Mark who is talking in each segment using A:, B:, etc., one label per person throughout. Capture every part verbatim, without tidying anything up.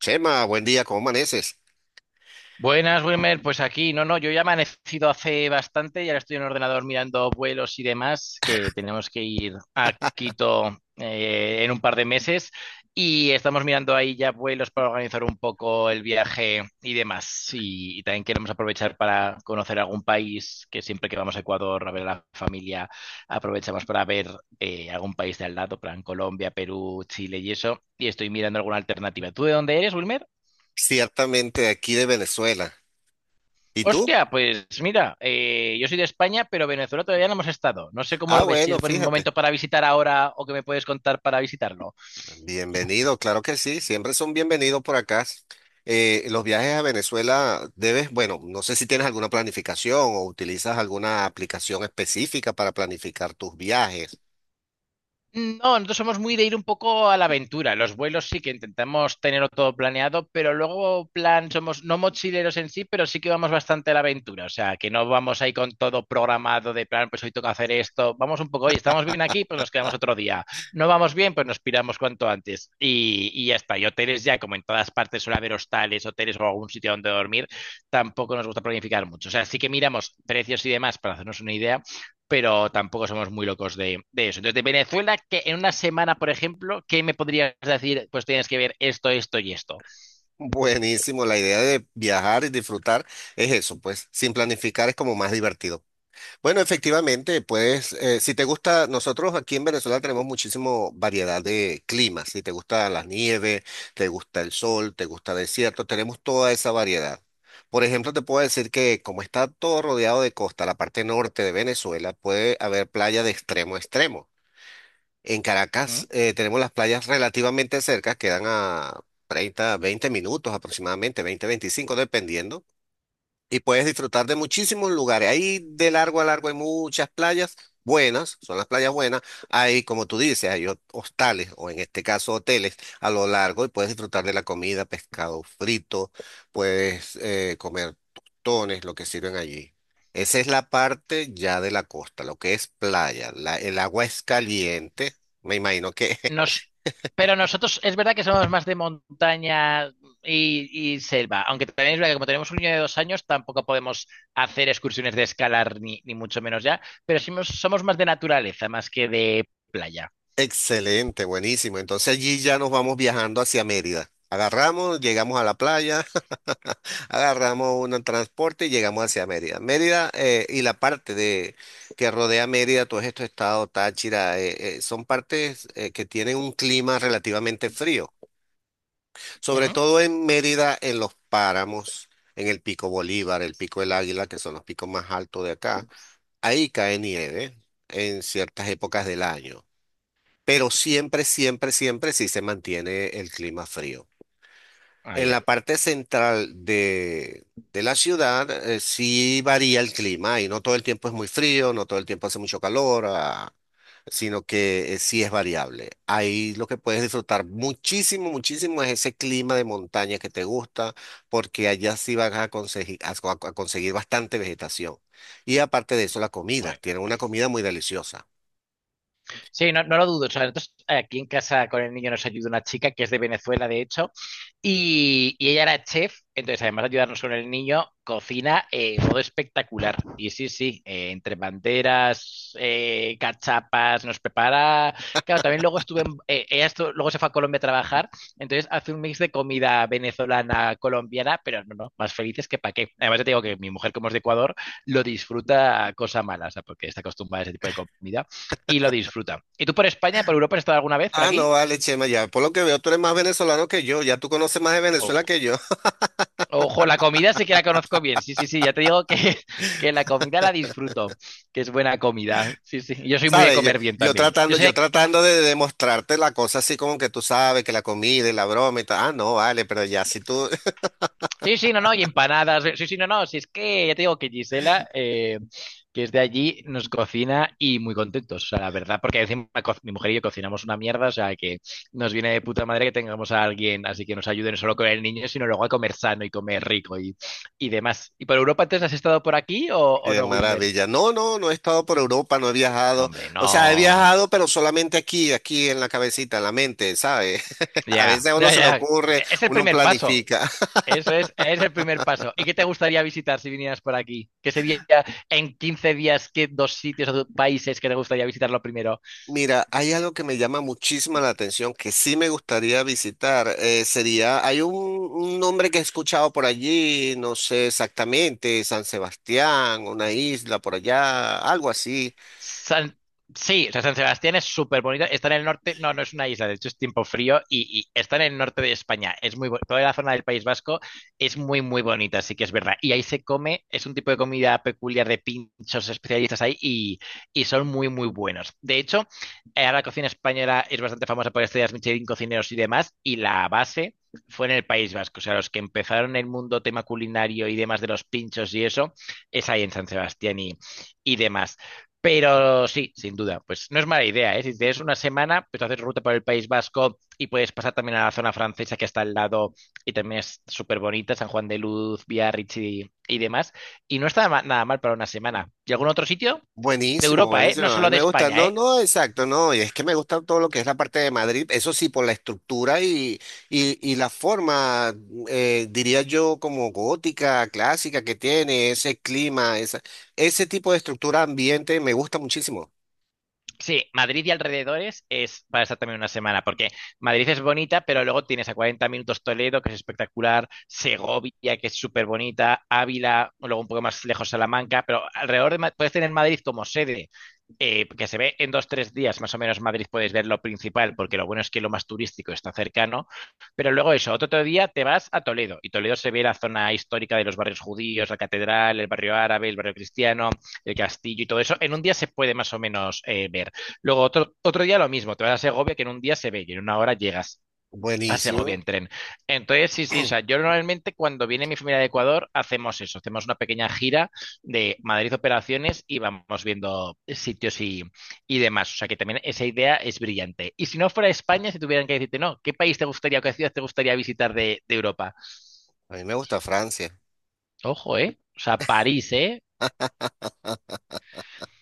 A: Chema, buen día, ¿cómo amaneces?
B: Buenas, Wilmer. Pues aquí, no, no, yo ya he amanecido hace bastante y ahora estoy en el ordenador mirando vuelos y demás, que tenemos que ir a Quito eh, en un par de meses y estamos mirando ahí ya vuelos para organizar un poco el viaje y demás. Y, y también queremos aprovechar para conocer algún país, que siempre que vamos a Ecuador a ver a la familia, aprovechamos para ver eh, algún país de al lado, plan Colombia, Perú, Chile y eso. Y estoy mirando alguna alternativa. ¿Tú de dónde eres, Wilmer?
A: Ciertamente aquí de Venezuela. ¿Y tú?
B: Hostia, pues mira, eh, yo soy de España, pero Venezuela todavía no hemos estado. No sé cómo
A: Ah,
B: lo ves, si es
A: bueno,
B: buen
A: fíjate.
B: momento para visitar ahora o qué me puedes contar para visitarlo.
A: Bienvenido, claro que sí, siempre son bienvenidos por acá. Eh, los viajes a Venezuela debes, bueno, no sé si tienes alguna planificación o utilizas alguna aplicación específica para planificar tus viajes.
B: No, nosotros somos muy de ir un poco a la aventura. Los vuelos sí que intentamos tenerlo todo planeado, pero luego, plan, somos no mochileros en sí, pero sí que vamos bastante a la aventura. O sea, que no vamos ahí con todo programado de plan, pues hoy toca hacer esto. Vamos un poco, hoy estamos bien aquí, pues nos quedamos otro día. No vamos bien, pues nos piramos cuanto antes. Y, y ya está. Y hoteles ya, como en todas partes suele haber hostales, hoteles o algún sitio donde dormir, tampoco nos gusta planificar mucho. O sea, sí que miramos precios y demás para hacernos una idea, pero tampoco somos muy locos de, de eso. Entonces, de Venezuela, que en una semana, por ejemplo, ¿qué me podrías decir? Pues tienes que ver esto, esto y esto.
A: Buenísimo, la idea de viajar y disfrutar es eso, pues sin planificar es como más divertido. Bueno, efectivamente, pues eh, si te gusta, nosotros aquí en Venezuela tenemos muchísimo variedad de climas. Si te gusta la nieve, te gusta el sol, te gusta el desierto, tenemos toda esa variedad. Por ejemplo, te puedo decir que como está todo rodeado de costa, la parte norte de Venezuela puede haber playa de extremo a extremo. En Caracas
B: ¿Mm?
A: eh, tenemos las playas relativamente cerca, quedan a treinta, veinte minutos aproximadamente, veinte, veinticinco dependiendo, y puedes disfrutar de muchísimos lugares. Ahí de largo a largo hay muchas playas buenas, son las playas buenas. Hay, como tú dices, hay ho- hostales o en este caso hoteles a lo largo y puedes disfrutar de la comida, pescado frito, puedes eh, comer tostones, lo que sirven allí. Esa es la parte ya de la costa, lo que es playa. La- el agua es caliente, me imagino que
B: Nos, pero nosotros es verdad que somos más de montaña y, y selva, aunque también es verdad que como tenemos un niño de dos años tampoco podemos hacer excursiones de escalar ni, ni mucho menos ya, pero somos, somos más de naturaleza más que de playa.
A: Excelente, buenísimo. Entonces allí ya nos vamos viajando hacia Mérida. Agarramos, llegamos a la playa, Agarramos un transporte y llegamos hacia Mérida. Mérida eh, y la parte de que rodea Mérida, todos estos estados, Táchira, eh, eh, son partes eh, que tienen un clima relativamente frío. Sobre
B: Ujú.
A: todo en Mérida, en los páramos, en el Pico Bolívar, el Pico del Águila, que son los picos más altos de acá. Ahí cae nieve en ciertas épocas del año. Pero siempre, siempre, siempre sí se mantiene el clima frío.
B: Ah,
A: En la
B: ya.
A: parte central de, de la ciudad, eh, sí varía el clima y no todo el tiempo es muy frío, no todo el tiempo hace mucho calor, ah, sino que eh, sí es variable. Ahí lo que puedes disfrutar muchísimo, muchísimo es ese clima de montaña que te gusta, porque allá sí vas a conseguir, a co- a conseguir bastante vegetación. Y aparte de eso, la comida,
B: Bueno.
A: tienen una comida muy deliciosa.
B: Sí, no, no lo dudo. O sea, nosotros aquí en casa con el niño nos ayuda una chica que es de Venezuela, de hecho. Y, y ella era chef, entonces además de ayudarnos con el niño, cocina eh, todo espectacular. Y sí, sí, eh, entre banderas, eh, cachapas, nos prepara. Claro, también luego estuve, en- eh, ella estu- luego se fue a Colombia a trabajar, entonces hace un mix de comida venezolana, colombiana, pero no, no, más felices que pa' qué. Además, ya te digo que mi mujer, como es de Ecuador, lo disfruta a cosa mala, o sea, porque está acostumbrada a ese tipo de comida y lo disfruta. ¿Y tú por España, por Europa, has estado alguna vez por
A: Ah, no,
B: aquí?
A: vale, Chema, ya. Por lo que veo, tú eres más venezolano que yo. Ya tú conoces más de Venezuela que yo.
B: Ojo, la comida sí que la conozco bien. Sí, sí, sí, ya te digo que, que la comida la disfruto, que es buena comida. Sí, sí. Y yo soy muy de
A: ¿Sabes? Yo,
B: comer bien
A: yo
B: también. Yo
A: tratando, yo
B: sé,
A: tratando de demostrarte la cosa así como que tú sabes, que la comida y la broma y tal. Ah, no, vale, pero ya si tú,
B: sí, sí, no, no, y empanadas. Sí, sí, no, no. Si es que ya te digo que Gisela, eh, que es de allí, nos cocina y muy contentos, o sea, la verdad, porque encima co- mi mujer y yo cocinamos una mierda, o sea, que nos viene de puta madre que tengamos a alguien, así que nos ayude no solo con el niño, sino luego a comer sano y comer rico y, y demás. ¿Y por Europa entonces has estado por aquí o, o
A: qué
B: no, Wilmer?
A: maravilla. No, no, no he estado por Europa, no he
B: No,
A: viajado.
B: hombre,
A: O sea, he
B: no.
A: viajado, pero solamente aquí, aquí en la cabecita, en la mente, ¿sabes? A veces
B: Ya,
A: a uno
B: ya,
A: se le
B: ya.
A: ocurre,
B: Es el
A: uno
B: primer paso.
A: planifica.
B: Eso es, es el primer paso. ¿Y qué te gustaría visitar si vinieras por aquí? ¿Qué sería en quince días, qué dos sitios o dos países que te gustaría visitar lo primero?
A: Mira, hay algo que me llama muchísimo la atención, que sí me gustaría visitar. Eh, sería, hay un, un nombre que he escuchado por allí, no sé exactamente, San Sebastián, una isla por allá, algo así.
B: San- Sí, o sea, San Sebastián es súper bonito. Está en el norte, no, no es una isla, de hecho es tiempo frío y, y está en el norte de España. Es muy bo- toda la zona del País Vasco es muy, muy bonita, así que es verdad. Y ahí se come, es un tipo de comida peculiar de pinchos especialistas ahí y, y son muy, muy buenos. De hecho, eh, la cocina española es bastante famosa por estrellas Michelin, cocineros y demás, y la base fue en el País Vasco. O sea, los que empezaron el mundo tema culinario y demás de los pinchos y eso, es ahí en San Sebastián y y demás. Pero sí, sin duda, pues no es mala idea, ¿eh? Si tienes una semana, pues haces ruta por el País Vasco y puedes pasar también a la zona francesa que está al lado y también es súper bonita, San Juan de Luz, Biarritz y, y demás. Y no está ma- nada mal para una semana. ¿Y algún otro sitio? De
A: Buenísimo,
B: Europa, ¿eh?
A: buenísimo.
B: No
A: A mí
B: solo de
A: me gusta.
B: España,
A: No,
B: ¿eh?
A: no, exacto, no. Y es que me gusta todo lo que es la parte de Madrid. Eso sí, por la estructura y, y, y la forma, mm, eh, diría yo, como gótica, clásica que tiene, ese clima, esa, ese tipo de estructura ambiente me gusta muchísimo.
B: Sí, Madrid y alrededores es para estar también una semana, porque Madrid es bonita, pero luego tienes a cuarenta minutos Toledo, que es espectacular, Segovia, que es súper bonita, Ávila, o luego un poco más lejos Salamanca, pero alrededor de Ma- puedes tener Madrid como sede, eh, que se ve en dos, tres días, más o menos Madrid puedes ver lo principal, porque lo bueno es que lo más turístico está cercano, pero luego eso, otro, otro día te vas a Toledo y Toledo se ve la zona histórica de los barrios judíos, la catedral, el barrio árabe, el barrio cristiano, el castillo y todo eso, en un día se puede más o menos eh, ver. Luego otro, otro día lo mismo, te vas a Segovia que en un día se ve y en una hora llegas. A Segovia
A: Buenísimo.
B: en tren. Entonces, sí, sí, o sea, yo normalmente cuando viene mi familia de Ecuador hacemos eso, hacemos una pequeña gira de Madrid operaciones y vamos viendo sitios y, y demás. O sea, que también esa idea es brillante. Y si no fuera España, si tuvieran que decirte, no, ¿qué país te gustaría o qué ciudad te gustaría visitar de, de Europa?
A: A mí me gusta Francia.
B: Ojo, ¿eh? O sea, París, ¿eh?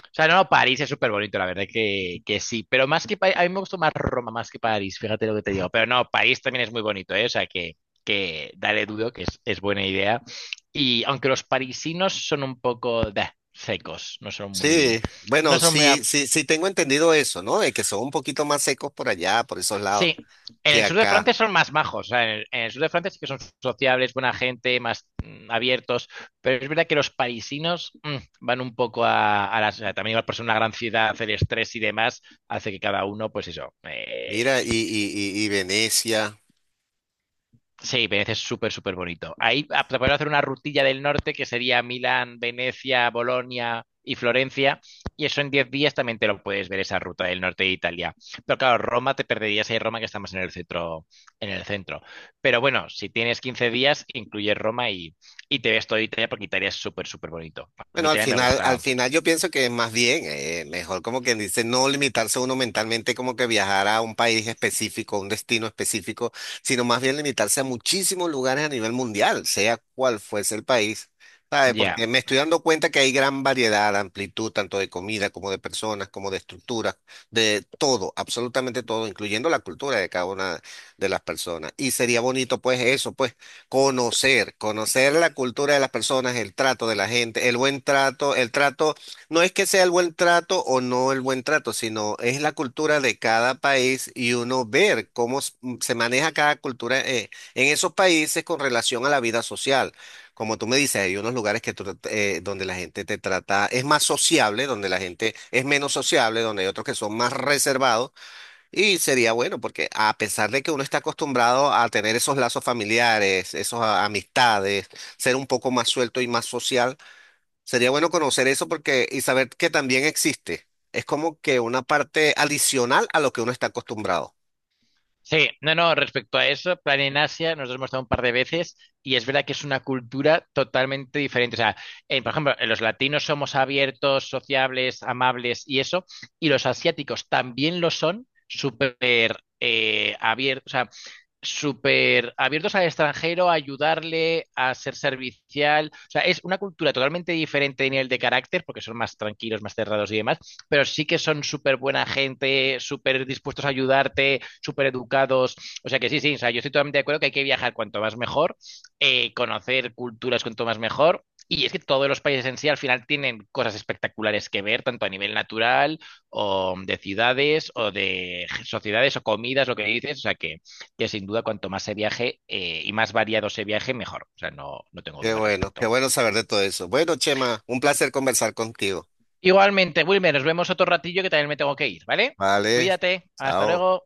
B: O sea, no, no, París es súper bonito, la verdad que, que sí. Pero más que París, a mí me gustó más Roma más que París, fíjate lo que te digo. Pero no, París también es muy bonito, ¿eh? O sea, que, que dale dudo, que es, es buena idea. Y aunque los parisinos son un poco bah, secos, no son
A: Sí,
B: muy, no
A: bueno,
B: son muy,
A: sí, sí, sí tengo entendido eso, ¿no? De que son un poquito más secos por allá, por esos lados,
B: Sí, en
A: que
B: el sur de
A: acá.
B: Francia son más majos. O sea, en el, en el sur de Francia sí que son sociables, buena gente, más mm, abiertos. Pero es verdad que los parisinos mm, van un poco a, a las. También igual por ser una gran ciudad, el estrés y demás hace que cada uno, pues eso,
A: Mira, y,
B: eh.
A: y, y y Venecia.
B: Sí, Venecia es súper, súper bonito. Ahí ah, te puedes hacer una rutilla del norte que sería Milán, Venecia, Bolonia y Florencia. Y eso en diez días también te lo puedes ver, esa ruta del norte de Italia. Pero claro, Roma te perderías ahí Roma que estamos en el centro, en el centro. Pero bueno, si tienes quince días, incluyes Roma y, y te ves toda Italia porque Italia es súper, súper bonito. A mí
A: Bueno, al
B: Italia me
A: final, al
B: gusta
A: final yo pienso que es más bien, eh, mejor como quien dice, no limitarse uno mentalmente como que viajar a un país específico, a un destino específico, sino más bien limitarse a muchísimos lugares a nivel mundial, sea cual fuese el país, ¿sabes?
B: ya.
A: Porque me estoy dando cuenta que hay gran variedad, amplitud, tanto de comida como de personas, como de estructuras, de todo, absolutamente todo, incluyendo la cultura de cada una de las personas. Y sería bonito, pues, eso, pues. Conocer, conocer la cultura de las personas, el trato de la gente, el buen trato, el trato, no es que sea el buen trato o no el buen trato, sino es la cultura de cada país y uno ver cómo s- m- se maneja cada cultura eh, en esos países con relación a la vida social. Como tú me dices, hay unos lugares que tú te- eh, donde la gente te trata, es más sociable, donde la gente es menos sociable, donde hay otros que son más reservados. Y sería bueno porque a pesar de que uno está acostumbrado a tener esos lazos familiares, esas amistades, ser un poco más suelto y más social, sería bueno conocer eso porque y saber que también existe. Es como que una parte adicional a lo que uno está acostumbrado.
B: Sí, no, no, respecto a eso, plan en Asia, nos lo hemos dado un par de veces y es verdad que es una cultura totalmente diferente. O sea, eh, por ejemplo, eh, los latinos somos abiertos, sociables, amables y eso, y los asiáticos también lo son, súper eh, abiertos. O sea, súper abiertos al extranjero, a ayudarle, a ser servicial. O sea, es una cultura totalmente diferente a nivel de carácter, porque son más tranquilos, más cerrados y demás, pero sí que son súper buena gente, súper dispuestos a ayudarte, súper educados. O sea que sí, sí, o sea, yo estoy totalmente de acuerdo que hay que viajar cuanto más mejor, eh, conocer culturas cuanto más mejor. Y es que todos los países en sí al final tienen cosas espectaculares que ver, tanto a nivel natural o de ciudades o de sociedades o comidas, lo que dices. O sea que que sin duda cuanto más se viaje eh, y más variado se viaje, mejor. O sea, no, no tengo
A: Qué
B: duda al
A: bueno,
B: respecto.
A: qué bueno saber de todo eso. Bueno, Chema, un placer conversar contigo.
B: Igualmente, Wilmer, nos vemos otro ratillo que también me tengo que ir, ¿vale?
A: Vale,
B: Cuídate, hasta
A: chao.
B: luego.